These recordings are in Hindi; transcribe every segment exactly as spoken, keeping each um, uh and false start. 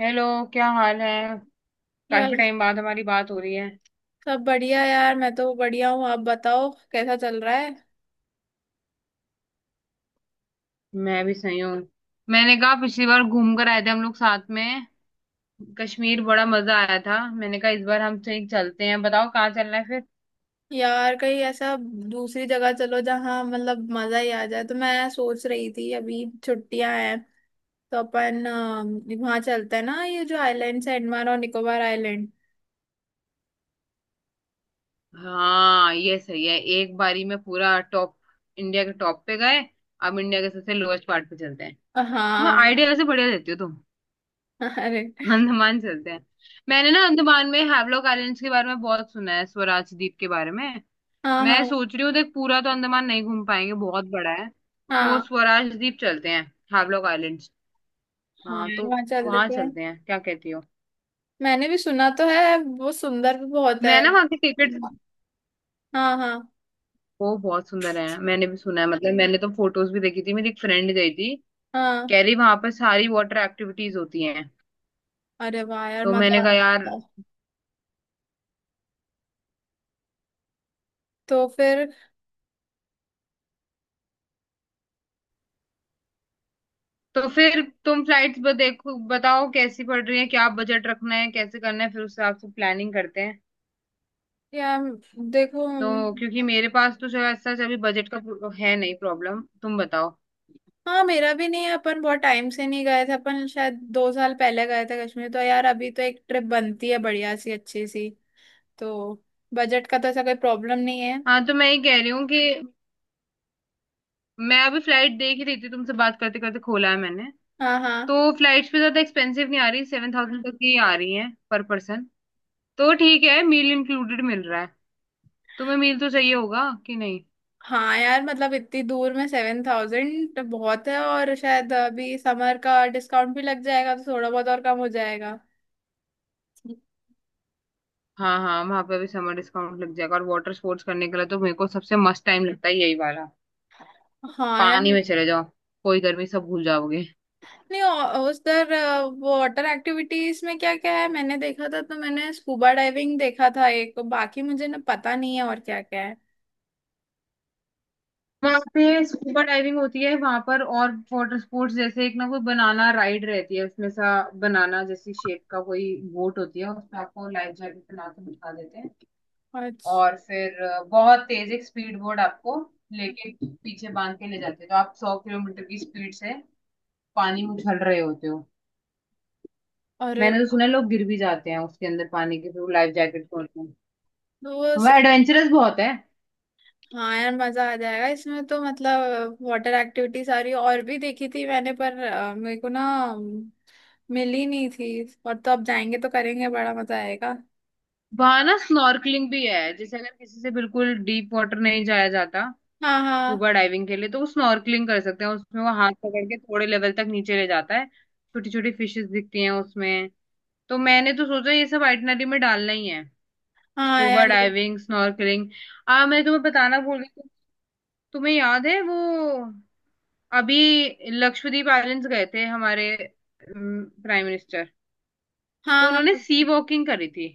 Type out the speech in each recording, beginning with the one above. हेलो। क्या हाल है। काफी यार, टाइम बाद हमारी बात हो रही है। सब बढ़िया। यार मैं तो बढ़िया हूँ। आप बताओ कैसा चल रहा है। मैं भी सही हूँ। मैंने कहा पिछली बार घूम कर आए थे हम लोग साथ में। कश्मीर बड़ा मजा आया था। मैंने कहा इस बार हम सही चलते हैं, बताओ कहाँ चलना है फिर। यार कहीं ऐसा दूसरी जगह चलो जहाँ मतलब मजा ही आ जाए। तो मैं सोच रही थी अभी छुट्टियां हैं। तो अपन अ, वहाँ चलते हैं ना, ये जो आइलैंड्स है, अंडमान और निकोबार आइलैंड। हाँ, ये सही है। एक बारी में पूरा टॉप, इंडिया के टॉप पे गए। अब इंडिया के सबसे लोएस्ट पार्ट पे चलते हैं। मैं हाँ। आइडिया से बढ़िया देती हो तुम। अरे अंडमान चलते हैं। मैंने ना अंडमान में हैवलॉक आइलैंड्स के बारे में बहुत सुना है, स्वराज द्वीप के बारे में। हाँ, मैं हाँ, सोच रही हूँ, देख पूरा तो अंडमान नहीं घूम पाएंगे, बहुत बड़ा है। तो हाँ। स्वराज द्वीप चलते हैं, हावलॉक आइलैंड्स। हाँ हाँ यार, तो वहाँ चल वहां देते हैं। चलते हैं, क्या कहती हो। मैंने भी सुना तो है, वो सुंदर भी बहुत मैं है। ना वहाँ की टिकट। हाँ, हाँ, वो बहुत सुंदर है, मैंने भी सुना है। मतलब मैंने तो फोटोज भी देखी थी, मेरी एक फ्रेंड गई थी। हाँ। कह रही वहां पर सारी वाटर एक्टिविटीज होती हैं। अरे वाह यार, तो मैंने मजा आ कहा यार, रहा है। तो फिर। तो फिर तुम फ्लाइट्स देखो, बताओ कैसी पड़ रही है, क्या बजट रखना है, कैसे करना है, फिर उस हिसाब से प्लानिंग करते हैं। यार देखो। तो क्योंकि मेरे पास तो जो है ऐसा अभी बजट का है नहीं प्रॉब्लम, तुम बताओ। हाँ, मेरा भी नहीं है। अपन बहुत टाइम से नहीं गए थे, अपन शायद दो साल पहले गए थे कश्मीर। तो यार अभी तो एक ट्रिप बनती है बढ़िया सी अच्छी सी। तो बजट का तो ऐसा कोई प्रॉब्लम नहीं है। हाँ तो मैं ये कह रही हूँ कि मैं अभी फ्लाइट देख ही रही थी, तुमसे बात करते करते खोला है मैंने। हाँ, हाँ। तो फ्लाइट्स भी ज्यादा एक्सपेंसिव नहीं आ रही, सेवन थाउजेंड तक ही आ रही है पर पर्सन। तो ठीक है, मील इंक्लूडेड मिल रहा है। तुम्हें मील तो चाहिए होगा कि नहीं। हाँ यार, मतलब इतनी दूर में सेवन थाउजेंड तो बहुत है। और शायद अभी समर का डिस्काउंट भी लग जाएगा, तो थोड़ा बहुत और कम हो जाएगा। हाँ हाँ, वहां पे भी समर डिस्काउंट लग जाएगा और वाटर स्पोर्ट्स करने के लिए तो मेरे को सबसे मस्त टाइम लगता है यही वाला। हाँ यार। पानी में चले जाओ, कोई गर्मी सब भूल जाओगे। नहीं, औ- उधर अ, वो वाटर एक्टिविटीज में क्या क्या है, मैंने देखा था तो मैंने स्कूबा डाइविंग देखा था एक। बाकी मुझे ना पता नहीं है और क्या क्या है। वहां पे स्कूबा डाइविंग होती है वहां पर, और वाटर स्पोर्ट्स जैसे एक ना कोई बनाना राइड रहती है, उसमें सा बनाना जैसी शेप का कोई बोट होती है, उसमें आपको लाइफ जैकेट बना के बिठा देते हैं। अच्छा। और फिर अ, बहुत तेज एक स्पीड बोर्ड आपको लेके पीछे बांध के ले जाते हैं, तो आप सौ किलोमीटर की स्पीड से पानी में उछल रहे होते हो। अरे मैंने तो वाह। सुना है लोग गिर भी जाते हैं, उसके अंदर पानी के थ्रू लाइफ जैकेट खोलते हैं। तो वो। तो वह से- एडवेंचरस बहुत है। हाँ यार, मजा आ जाएगा इसमें तो। मतलब वाटर एक्टिविटी सारी और भी देखी थी मैंने, पर अ, मेरे को ना अम, मिली नहीं थी। और तो अब जाएंगे तो करेंगे, बड़ा मजा आएगा। वहां ना स्नॉर्कलिंग भी है, जैसे अगर किसी से बिल्कुल डीप वाटर नहीं जाया जाता हाँ, हाँ। स्कूबा डाइविंग के लिए, तो वो स्नॉर्कलिंग कर सकते हैं। उसमें वो हाथ पकड़ के थोड़े लेवल तक नीचे ले जाता है, छोटी छोटी फिशेस दिखती हैं उसमें। तो मैंने तो सोचा ये सब आइटनरी में डालना ही है, हाँ स्कूबा यार। ये- डाइविंग, स्नॉर्कलिंग। आ मैं तुम्हें बताना भूल गई। तु- तुम्हें याद है वो, अभी लक्षद्वीप आइलैंड्स गए थे हमारे प्राइम मिनिस्टर, तो हाँ, उन्होंने हाँ। सी वॉकिंग करी थी।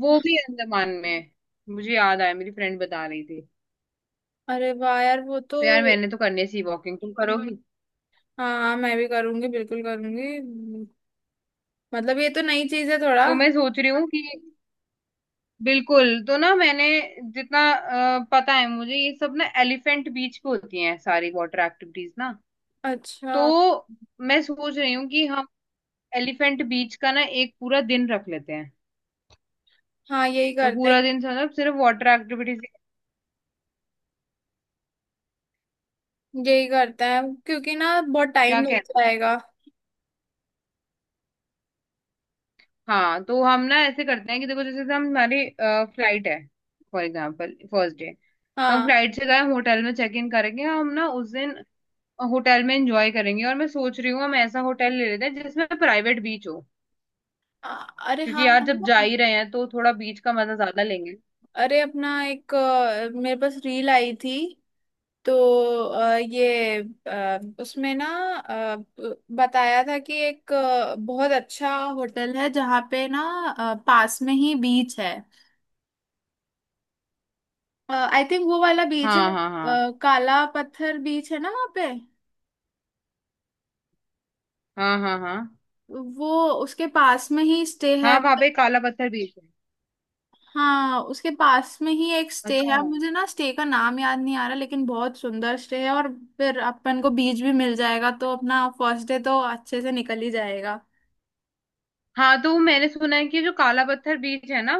वो भी अंडमान में, मुझे याद आया, मेरी फ्रेंड बता रही थी। अरे वाह यार, वो तो। तो यार मैंने तो करनी है सी वॉकिंग, तुम करोगी। हाँ, हाँ, मैं भी करूंगी बिल्कुल करूंगी। मतलब ये तो नई चीज है थोड़ा। तो मैं सोच रही हूँ कि बिल्कुल तो ना मैंने जितना अ, पता है मुझे, ये सब ना एलिफेंट बीच पे होती हैं सारी वाटर एक्टिविटीज ना। अच्छा। तो मैं सोच रही हूँ कि हम एलिफेंट बीच का ना एक पूरा दिन रख लेते हैं। हाँ यही तो करते हैं। पूरा दिन मतलब सिर्फ वाटर एक्टिविटीज, यही करते हैं क्योंकि ना बहुत क्या टाइम लग कहते हैं। जाएगा। हाँ, तो हम ना ऐसे करते हैं कि देखो, जैसे हम हमारी फ्लाइट है, फॉर एग्जाम्पल फर्स्ट डे तो हम हाँ। फ्लाइट से गए, होटल में चेक इन करेंगे हम ना उस दिन। होटल में एंजॉय करेंगे, और मैं सोच रही हूँ हम ऐसा होटल ले लेते हैं जिसमें प्राइवेट बीच हो। अ- अरे क्योंकि हाँ। यार जब जा ही रहे हैं तो थोड़ा बीच का मजा ज्यादा लेंगे। अरे अपना एक अ, मेरे पास रील आई थी। तो अ, ये अ, उसमें ना अ, ब- बताया था कि एक अ, बहुत अच्छा होटल है, जहाँ पे ना अ, पास में ही बीच है। आई थिंक वो वाला बीच है, हाँ हाँ अ, हाँ। काला पत्थर बीच है ना वहाँ पे। हाँ हाँ हाँ। वो उसके पास में ही स्टे हाँ, है। वहां पे काला पत्थर बीच है। हाँ, उसके पास में ही एक स्टे अच्छा है। अब हाँ। मुझे ना स्टे का नाम याद नहीं आ रहा, लेकिन बहुत सुंदर स्टे है। और फिर अपन को बीच भी मिल जाएगा, तो अपना फर्स्ट डे तो अच्छे से निकल ही जाएगा। हाँ तो मैंने सुना है कि जो काला पत्थर बीच है ना,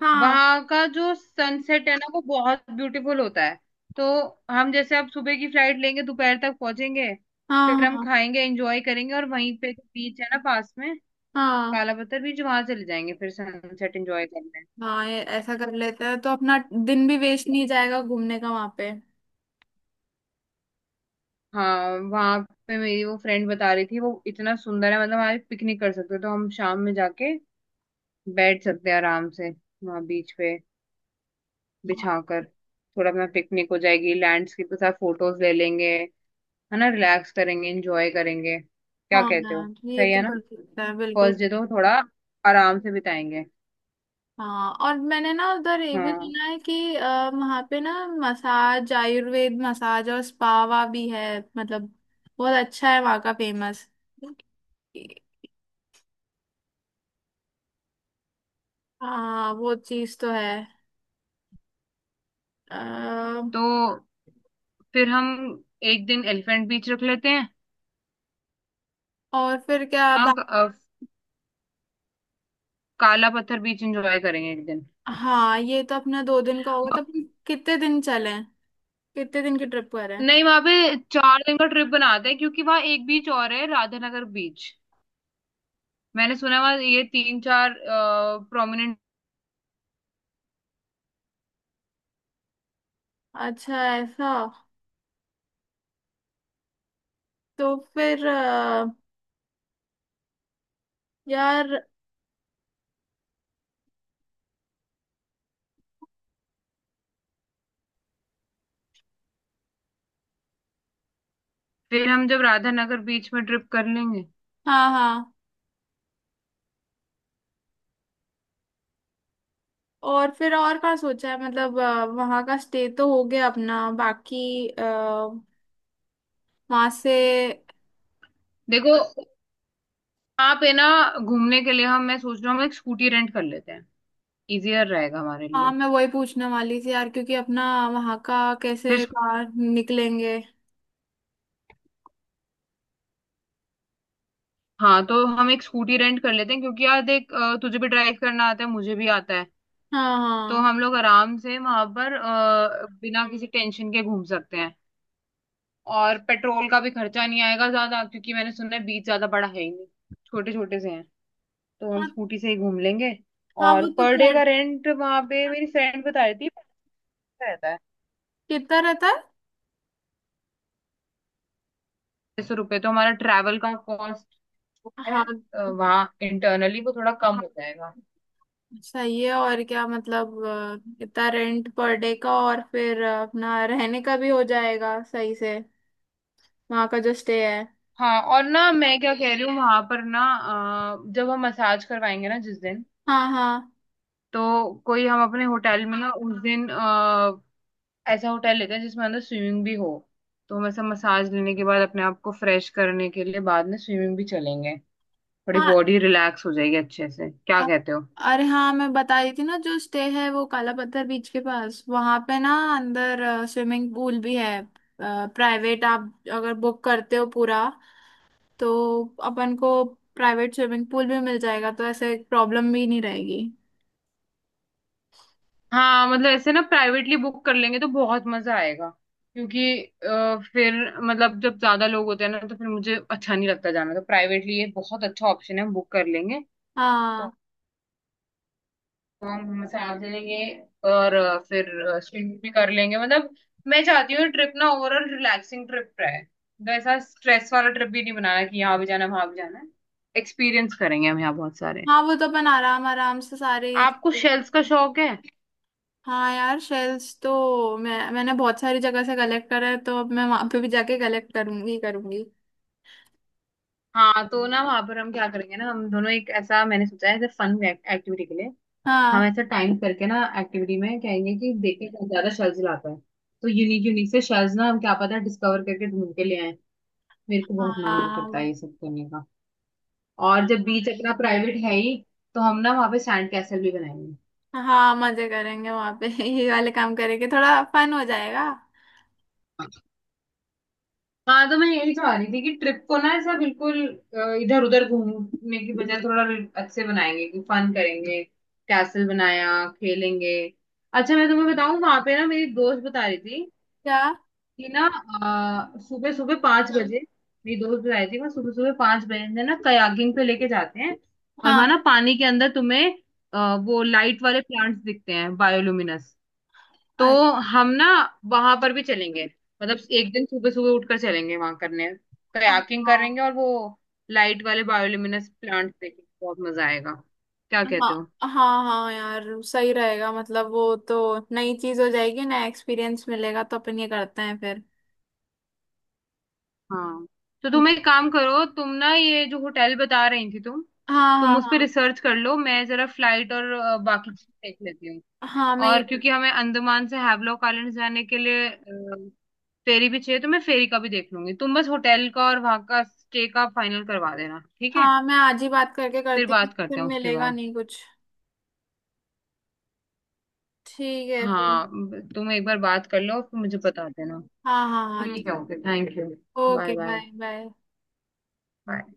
हाँ, वहां का जो सनसेट है ना, वो बहुत ब्यूटीफुल होता है। तो हम जैसे अब सुबह की फ्लाइट लेंगे, दोपहर तक पहुंचेंगे, हाँ, फिर हम हाँ, खाएंगे, एंजॉय करेंगे, और वहीं पे जो बीच है ना पास में, हाँ। काला पत्थर बीच, वहां चले जाएंगे फिर सनसेट एंजॉय करने। हाँ, ये ऐसा कर लेते हैं तो अपना दिन भी वेस्ट नहीं जाएगा घूमने का वहाँ पे। हाँ, वहां पे मेरी वो फ्रेंड बता रही थी, वो इतना सुंदर है, मतलब हमारे पिकनिक कर सकते हो। तो हम शाम में जाके बैठ सकते हैं आराम से वहां बीच पे, बिछा कर थोड़ा अपना पिकनिक हो जाएगी, लैंडस्केप के साथ फोटोज ले लेंगे, है ना, रिलैक्स करेंगे, एंजॉय करेंगे, क्या हाँ, कहते हो। हाँ, ये सही है तो ना। कर सकते हैं बिल्कुल। फर्स्ट डे तो थोड़ा आराम से बिताएंगे। हाँ, और मैंने ना उधर ये भी हाँ, सुना है कि आ, वहाँ पे ना मसाज, आयुर्वेद मसाज और स्पावा भी है। मतलब बहुत अच्छा है वहाँ का, फेमस। हाँ वो चीज तो है। आ, तो फिर हम एक दिन एलिफेंट बीच रख लेते हैं। और फिर क्या। हाँ, बा... क- अ, काला पत्थर बीच एंजॉय करेंगे एक दिन। हाँ ये तो अपना दो दिन का होगा, तो अपन कितने दिन चले? कितने दिन की ट्रिप करें? नहीं, वहां पे चार दिन का ट्रिप बनाते हैं, क्योंकि वहां एक बीच और है, राधानगर बीच। मैंने सुना है वहां ये तीन चार प्रोमिनेंट। अच्छा, ऐसा। तो फिर अ, यार। फिर हम जब राधानगर बीच में ट्रिप कर लेंगे। हाँ, हाँ। और फिर और का सोचा है? मतलब अ, वहाँ का स्टे तो हो गया अपना, बाकी अ, वहाँ से। देखो, वहां पे ना घूमने के लिए हम, मैं सोच रहा हूँ हम एक स्कूटी रेंट कर लेते हैं, इजियर रहेगा हमारे हाँ, लिए। मैं वही पूछने वाली थी यार, क्योंकि अपना वहाँ का फिर कैसे स्कू- कार निकलेंगे। हाँ तो हम एक स्कूटी रेंट कर लेते हैं, क्योंकि यार देख अ, तुझे भी ड्राइव करना आता है, मुझे भी आता है। हाँ, तो हाँ, हम लोग आराम से वहां पर अ, बिना किसी टेंशन के घूम सकते हैं। और पेट्रोल का भी खर्चा नहीं आएगा ज्यादा, क्योंकि मैंने सुना है बीच ज्यादा बड़ा है ही नहीं, छोटे छोटे से हैं। तो हम हाँ। स्कूटी से ही घूम लेंगे। हाँ वो और तो। पर डे पर। का रेंट वहां पे मेरी फ्रेंड बता रही थी पचास रहता है, कितना रहता है? छह सौ रुपये, तो हमारा ट्रैवल का कॉस्ट जो है हाँ अ, वहाँ इंटरनली वो थोड़ा कम हो जाएगा। सही है। और क्या मतलब अ, इतना रेंट पर डे का, और फिर अ, अपना रहने का भी हो जाएगा सही से वहाँ का जो स्टे है। हाँ, और ना मैं क्या कह रही हूँ, वहां पर ना अ, जब हम मसाज करवाएंगे ना जिस दिन, हाँ, हाँ, तो कोई हम अपने होटल में ना उस दिन ऐसा होटल लेते हैं जिसमें अंदर स्विमिंग भी हो। तो हम ऐसा मसाज लेने के बाद, अपने आप को फ्रेश करने के लिए बाद में स्विमिंग भी चलेंगे, थोड़ी हाँ। बॉडी रिलैक्स हो जाएगी अच्छे से, क्या अ- कहते हो। अरे हाँ, मैं बता रही थी ना, जो स्टे है वो काला पत्थर बीच के पास, वहां पे ना अंदर स्विमिंग पूल भी है प्राइवेट। आप अगर बुक करते हो पूरा, तो अपन को प्राइवेट स्विमिंग पूल भी मिल जाएगा, तो ऐसे प्रॉब्लम भी नहीं रहेगी। हाँ, मतलब ऐसे ना प्राइवेटली बुक कर लेंगे तो बहुत मजा आएगा, क्योंकि अ, फिर मतलब जब ज्यादा लोग होते हैं ना, तो फिर मुझे अच्छा नहीं लगता जाना। तो प्राइवेटली ये बहुत अच्छा ऑप्शन है, हम बुक कर लेंगे। हाँ, तो तो हम मसाज ले लेंगे और अ, फिर स्विमिंग भी कर लेंगे। मतलब मैं चाहती हूँ ट्रिप ना ओवरऑल रिलैक्सिंग ट्रिप रहे, तो ऐसा स्ट्रेस वाला ट्रिप भी नहीं बनाना कि यहाँ भी जाना है, वहां भी जाना है। एक्सपीरियंस करेंगे हम यहाँ बहुत सारे। हाँ वो तो। अपन आराम आराम से सारे। आपको शेल्स का शौक है। हाँ यार, शेल्स तो मैं मैंने बहुत सारी जगह से कलेक्ट करा है, तो अब मैं वहां पे भी जाके कलेक्ट करूंगी करूंगी। हाँ, तो ना वहां पर हम क्या करेंगे ना, हम दोनों एक ऐसा मैंने सोचा है ऐसे फन एक्टिविटी के लिए, हम हाँ, ऐसा टाइम करके ना एक्टिविटी में कहेंगे कि देखें कौन ज्यादा शेल्स लाता है। तो यूनिक यूनिक से शेल्स ना हम क्या पता डिस्कवर करके ढूंढ के ले आए। मेरे को बहुत मन करता है हाँ, ये सब करने का। और जब बीच अपना प्राइवेट है ही, तो हम ना वहां पे सैंड कैसल भी बनाएंगे। हाँ मजे करेंगे वहां पे ये वाले काम करेंगे, थोड़ा फन हो जाएगा। हाँ तो मैं यही चाह रही थी कि ट्रिप को ना ऐसा बिल्कुल इधर उधर घूमने की बजाय, थोड़ा अच्छे बनाएंगे कि फन करेंगे, कैसल बनाया, खेलेंगे। अच्छा मैं तुम्हें बताऊं, वहां पे ना मेरी दोस्त बता रही थी क्या? कि ना सुबह सुबह पांच बजे, मेरी दोस्त बता रही थी वहाँ सुबह सुबह पांच बजे ना कयाकिंग पे लेके जाते हैं। और वहां हाँ। ना पानी के अंदर तुम्हें अ, वो लाइट वाले प्लांट्स दिखते हैं, बायोलुमिनस। तो अ- हम ना वहां पर भी चलेंगे, मतलब एक दिन सुबह सुबह उठकर चलेंगे वहां करने, कयाकिंग हाँ, करेंगे और वो लाइट वाले बायोल्यूमिनेस प्लांट देखेंगे, बहुत मजा आएगा, क्या कहते हाँ, हो। हाँ। हाँ यार सही रहेगा, मतलब वो तो नई चीज हो जाएगी, नया एक्सपीरियंस मिलेगा, तो अपन ये करते हैं फिर। हाँ, तो तुम एक काम करो, तुम ना ये जो होटल बता रही थी तुम हाँ, तुम हाँ, उस पर हाँ। रिसर्च कर लो, मैं जरा फ्लाइट और अ, बाकी चीजें देख लेती हूँ। हाँ मैं ये। और क्योंकि हमें अंडमान से हैवलॉक आइलैंड जाने के लिए अ, फेरी भी चाहिए, तो मैं फेरी का भी देख लूंगी। तुम बस होटल का और वहां का स्टे का फाइनल करवा देना, ठीक है। हाँ मैं आज ही बात करके फिर करती हूँ, बात फिर करते हैं उसके मिलेगा बाद। नहीं कुछ। ठीक है फिर। हाँ, तुम एक बार बात कर लो, फिर मुझे बता देना। हाँ, हाँ, हाँ। ठीक है, okay, thank you. Bye okay bye. Bye bye. Bye.